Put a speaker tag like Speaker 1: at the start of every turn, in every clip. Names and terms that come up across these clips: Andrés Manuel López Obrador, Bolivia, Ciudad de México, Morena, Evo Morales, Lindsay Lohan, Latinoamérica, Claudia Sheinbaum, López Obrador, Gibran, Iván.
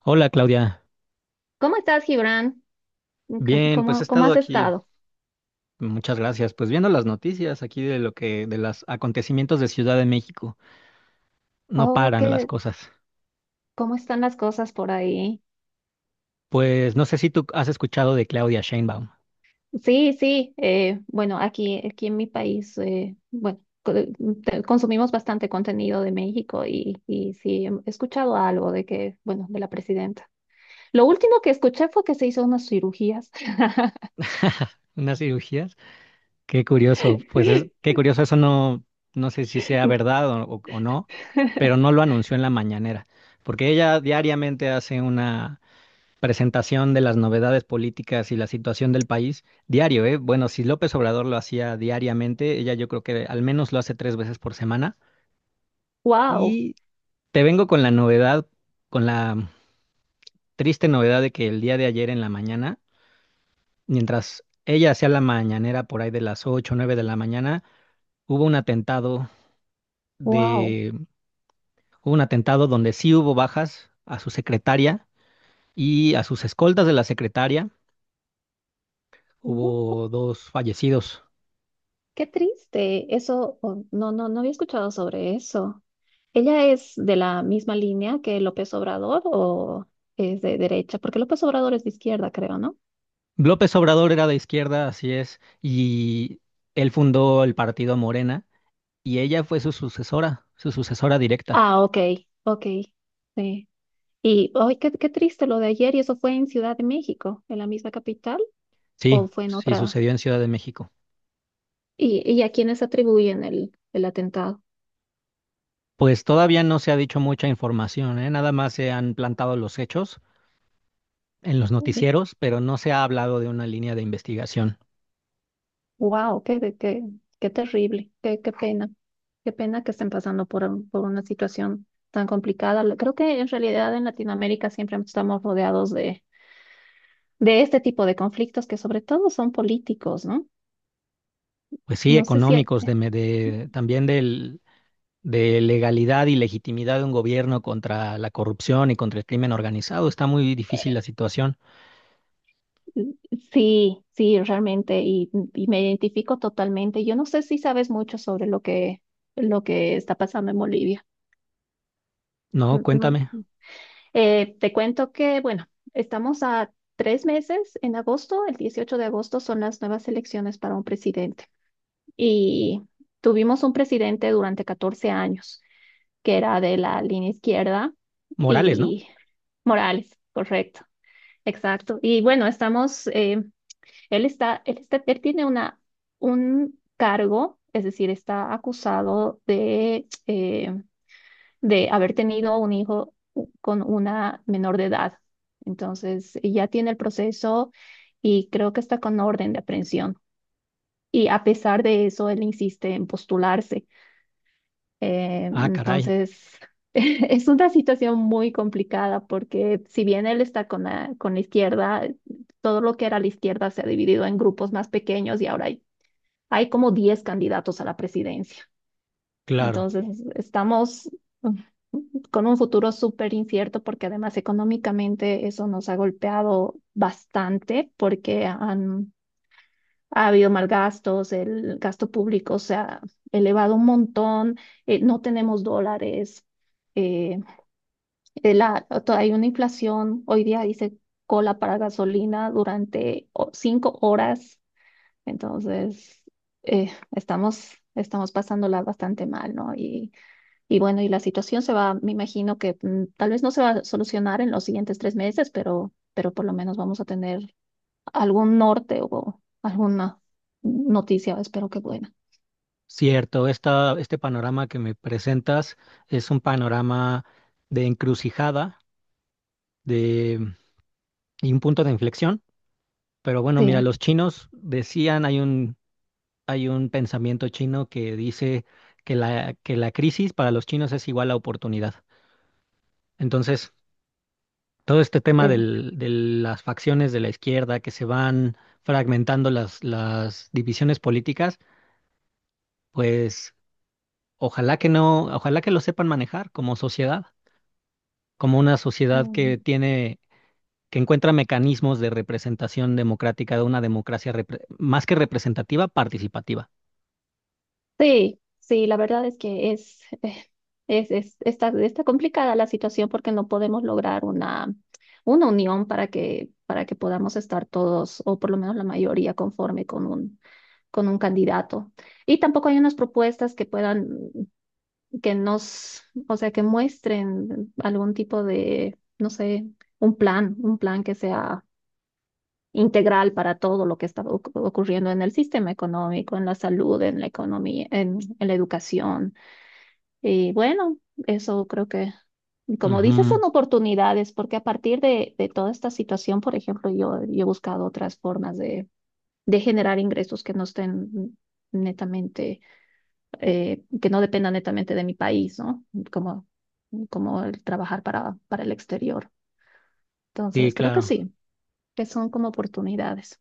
Speaker 1: Hola Claudia,
Speaker 2: ¿Cómo estás, Gibran?
Speaker 1: bien, pues he
Speaker 2: ¿Cómo
Speaker 1: estado
Speaker 2: has
Speaker 1: aquí,
Speaker 2: estado?
Speaker 1: muchas gracias, pues viendo las noticias aquí de los acontecimientos de Ciudad de México, no
Speaker 2: Oh,
Speaker 1: paran las
Speaker 2: qué,
Speaker 1: cosas.
Speaker 2: ¿cómo están las cosas por ahí?
Speaker 1: Pues no sé si tú has escuchado de Claudia Sheinbaum.
Speaker 2: Sí, sí. Bueno, aquí en mi país, bueno, consumimos bastante contenido de México y sí, he escuchado algo de que, bueno, de la presidenta. Lo último que escuché fue que se hizo unas cirugías.
Speaker 1: Unas cirugías, qué curioso, pues es, qué curioso, eso no, no sé si sea verdad o no, pero no lo anunció en la mañanera, porque ella diariamente hace una presentación de las novedades políticas y la situación del país diario, ¿eh? Bueno, si López Obrador lo hacía diariamente, ella yo creo que al menos lo hace tres veces por semana.
Speaker 2: Wow,
Speaker 1: Y te vengo con la novedad, con la triste novedad de que el día de ayer en la mañana, mientras ella hacía la mañanera por ahí de las 8, o 9 de la mañana, hubo un atentado
Speaker 2: wow.
Speaker 1: de, hubo un atentado donde sí hubo bajas a su secretaria y a sus escoltas de la secretaria. Hubo dos fallecidos.
Speaker 2: Qué triste, eso, oh, no, no, no había escuchado sobre eso. ¿Ella es de la misma línea que López Obrador o es de derecha? Porque López Obrador es de izquierda, creo, ¿no?
Speaker 1: López Obrador era de izquierda, así es, y él fundó el partido Morena y ella fue su sucesora directa.
Speaker 2: Ah, ok, ok, sí. Y hoy, qué, qué triste lo de ayer, ¿y eso fue en Ciudad de México, en la misma capital,
Speaker 1: Sí,
Speaker 2: o fue en
Speaker 1: sí
Speaker 2: otra?
Speaker 1: sucedió en Ciudad de México.
Speaker 2: ¿Y, a quiénes atribuyen el atentado?
Speaker 1: Pues todavía no se ha dicho mucha información, ¿eh? Nada más se han plantado los hechos en los noticieros, pero no se ha hablado de una línea de investigación.
Speaker 2: Wow, qué, qué, qué qué terrible, qué, qué pena que estén pasando por, por una situación tan complicada. Creo que en realidad en Latinoamérica siempre estamos rodeados de este tipo de conflictos que sobre todo son políticos, ¿no?
Speaker 1: Pues sí,
Speaker 2: No sé si...
Speaker 1: económicos, también de legalidad y legitimidad de un gobierno contra la corrupción y contra el crimen organizado. Está muy difícil
Speaker 2: eh,
Speaker 1: la situación.
Speaker 2: sí, sí, realmente, y me identifico totalmente. Yo no sé si sabes mucho sobre lo que está pasando en Bolivia.
Speaker 1: No,
Speaker 2: No,
Speaker 1: cuéntame.
Speaker 2: eh, te cuento que, bueno, estamos a 3 meses en agosto, el 18 de agosto son las nuevas elecciones para un presidente. Y tuvimos un presidente durante 14 años, que era de la línea izquierda
Speaker 1: Morales, ¿no?
Speaker 2: y Morales, correcto, exacto. Y bueno, estamos, él tiene una, un cargo, es decir, está acusado de haber tenido un hijo con una menor de edad. Entonces, ya tiene el proceso y creo que está con orden de aprehensión. Y a pesar de eso, él insiste en postularse.
Speaker 1: Ah, caray,
Speaker 2: Entonces, es una situación muy complicada porque si bien él está con la izquierda, todo lo que era la izquierda se ha dividido en grupos más pequeños y ahora hay, hay como 10 candidatos a la presidencia.
Speaker 1: claro,
Speaker 2: Entonces, estamos con un futuro súper incierto porque además económicamente eso nos ha golpeado bastante porque ha habido malgastos, el gasto público se ha elevado un montón, no tenemos dólares, eh, hay una inflación, hoy día dice cola para gasolina durante 5 horas, entonces estamos pasándola bastante mal, ¿no? Y bueno, y la situación se va, me imagino que tal vez no se va a solucionar en los siguientes 3 meses, pero por lo menos vamos a tener algún norte o alguna noticia, espero que buena.
Speaker 1: cierto. Este panorama que me presentas es un panorama de encrucijada de, y un punto de inflexión. Pero bueno,
Speaker 2: Sí,
Speaker 1: mira, los chinos decían, hay un pensamiento chino que dice que la crisis para los chinos es igual a oportunidad. Entonces, todo este tema
Speaker 2: eh,
Speaker 1: de las facciones de la izquierda que se van fragmentando las divisiones políticas, pues... Ojalá que no, ojalá que lo sepan manejar como sociedad, como una sociedad
Speaker 2: mm.
Speaker 1: que encuentra mecanismos de representación democrática, de una democracia más que representativa, participativa.
Speaker 2: Sí, sí, la verdad es que es, está, está complicada la situación porque no podemos lograr una unión para que podamos estar todos, o por lo menos la mayoría, conforme con un candidato. Y tampoco hay unas propuestas que puedan que nos, o sea, que muestren algún tipo de, no sé, un plan que sea integral para todo lo que está ocurriendo en el sistema económico, en la salud, en la economía, en la educación. Y bueno, eso creo que, como dices, son
Speaker 1: Ujú.
Speaker 2: oportunidades, porque a partir de toda esta situación, por ejemplo, yo he buscado otras formas de generar ingresos que no estén netamente que no dependa netamente de mi país, ¿no? Como, como el trabajar para el exterior.
Speaker 1: Sí,
Speaker 2: Entonces, creo que
Speaker 1: claro.
Speaker 2: sí, que son como oportunidades.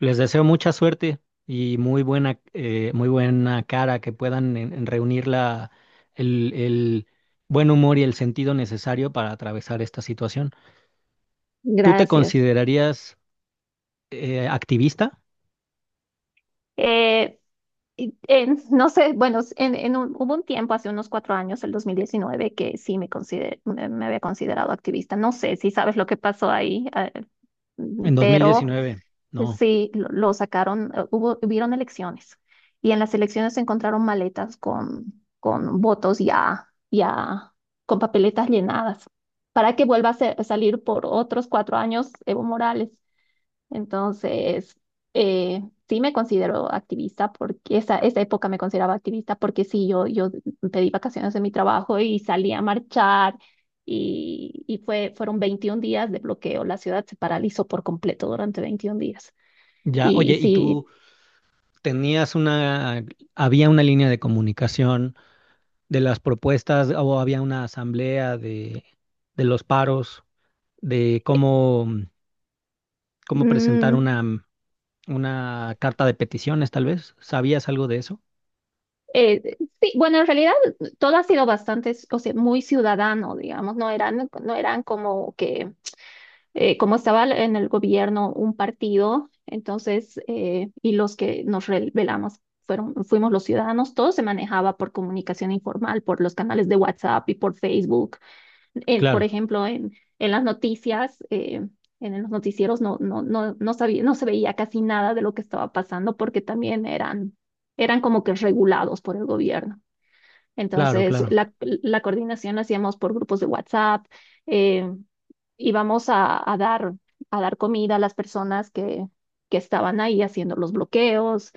Speaker 1: Les deseo mucha suerte y muy buena cara, que puedan en reunir el buen humor y el sentido necesario para atravesar esta situación. ¿Tú te
Speaker 2: Gracias.
Speaker 1: considerarías activista
Speaker 2: Eh, no sé, bueno, en, hubo un tiempo, hace unos 4 años, el 2019, que sí me había considerado activista. No sé si sabes lo que pasó ahí,
Speaker 1: en
Speaker 2: pero
Speaker 1: 2019? No.
Speaker 2: sí, lo sacaron, hubieron elecciones y en las elecciones se encontraron maletas con votos ya con papeletas llenadas para que vuelva a, a salir por otros 4 años Evo Morales. Entonces, eh, sí me considero activista porque esa época me consideraba activista porque sí, yo pedí vacaciones de mi trabajo y salí a marchar y fue, fueron 21 días de bloqueo. La ciudad se paralizó por completo durante 21 días.
Speaker 1: Ya,
Speaker 2: Y
Speaker 1: oye, ¿y
Speaker 2: sí,
Speaker 1: tú? tenías una, había una línea de comunicación de las propuestas o había una asamblea de los paros, de cómo presentar
Speaker 2: mm,
Speaker 1: una carta de peticiones, tal vez. ¿Sabías algo de eso?
Speaker 2: sí, bueno, en realidad todo ha sido bastante, o sea, muy ciudadano, digamos, no eran, no eran como que, como estaba en el gobierno un partido, entonces, y los que nos rebelamos fuimos los ciudadanos, todo se manejaba por comunicación informal, por los canales de WhatsApp y por Facebook. Por
Speaker 1: Claro,
Speaker 2: ejemplo, en las noticias, en los noticieros no, no, no, no sabía, no se veía casi nada de lo que estaba pasando porque también eran, eran como que regulados por el gobierno.
Speaker 1: claro,
Speaker 2: Entonces,
Speaker 1: claro.
Speaker 2: la coordinación la hacíamos por grupos de WhatsApp, eh, y vamos a dar comida a las personas que estaban ahí haciendo los bloqueos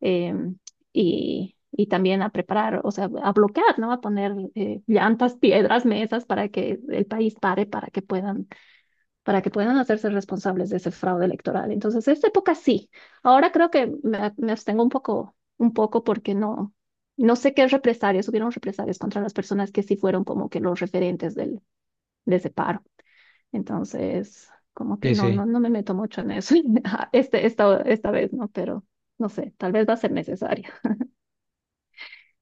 Speaker 2: em, y también a preparar, o sea, a bloquear, ¿no? A poner llantas, piedras, mesas para que el país pare, para que puedan hacerse responsables de ese fraude electoral. Entonces, esta época sí. Ahora creo que me abstengo un poco porque no. No sé qué hubieron represalias contra las personas que sí fueron como que los referentes del, de ese paro. Entonces, como que
Speaker 1: Sí,
Speaker 2: no,
Speaker 1: sí.
Speaker 2: no, no me meto mucho en eso. Ah, esta vez no, pero no sé, tal vez va a ser necesario.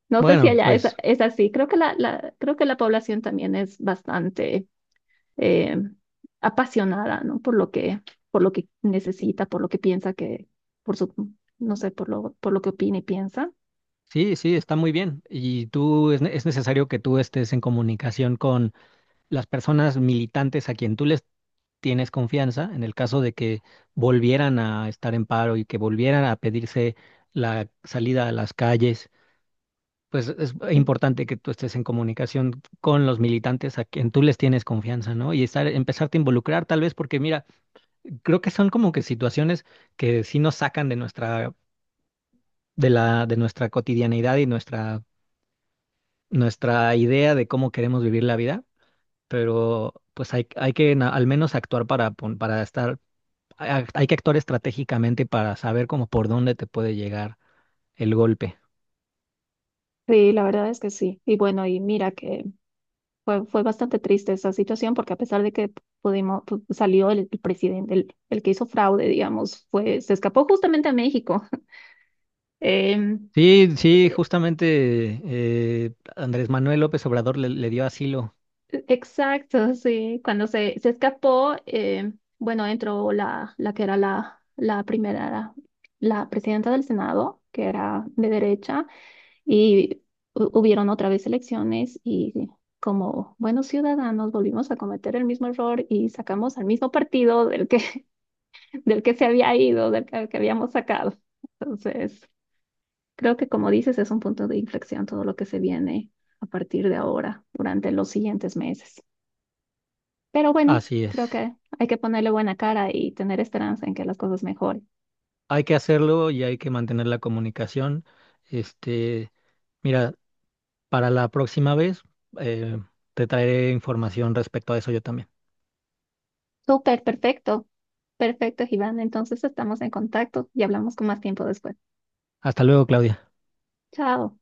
Speaker 2: No sé si
Speaker 1: Bueno,
Speaker 2: allá
Speaker 1: pues
Speaker 2: es así. Creo que creo que la población también es bastante eh, apasionada, ¿no? Por lo que necesita, por lo que piensa que, por su, no sé, por lo que opina y piensa.
Speaker 1: sí, sí, está muy bien. Y tú, es necesario que tú estés en comunicación con las personas militantes a quien tú les tienes confianza en el caso de que volvieran a estar en paro y que volvieran a pedirse la salida a las calles, pues es importante que tú estés en comunicación con los militantes a quien tú les tienes confianza, ¿no? Y estar, empezarte a involucrar tal vez porque mira, creo que son como que situaciones que sí nos sacan de nuestra cotidianidad y nuestra idea de cómo queremos vivir la vida, pero pues hay que al menos actuar para, pon- para estar a- hay que actuar estratégicamente para saber como por dónde te puede llegar el golpe.
Speaker 2: Sí, la verdad es que sí. Y bueno, y mira que fue bastante triste esa situación porque a pesar de que salió el presidente, el que hizo fraude, digamos, fue, se escapó justamente a México. Em,
Speaker 1: Sí, sí,
Speaker 2: e-
Speaker 1: justamente Andrés Manuel López Obrador le dio asilo.
Speaker 2: e, exacto, sí. Cuando se escapó, em, bueno, entró la, la que era la, la primera, la presidenta del Senado, que era de derecha, y hubieron otra vez elecciones y como buenos ciudadanos volvimos a cometer el mismo error y sacamos al mismo partido del que se había ido, del que habíamos sacado. Entonces, creo que como dices, es un punto de inflexión todo lo que se viene a partir de ahora, durante los siguientes meses. Pero bueno,
Speaker 1: Así
Speaker 2: creo
Speaker 1: es.
Speaker 2: que hay que ponerle buena cara y tener esperanza en que las cosas mejoren.
Speaker 1: Hay que hacerlo y hay que mantener la comunicación. Este, mira, para la próxima vez eh, te traeré información respecto a eso yo también.
Speaker 2: Súper, perfecto. Perfecto, Iván. Entonces estamos en contacto y hablamos con más tiempo después.
Speaker 1: Hasta luego, Claudia.
Speaker 2: Chao.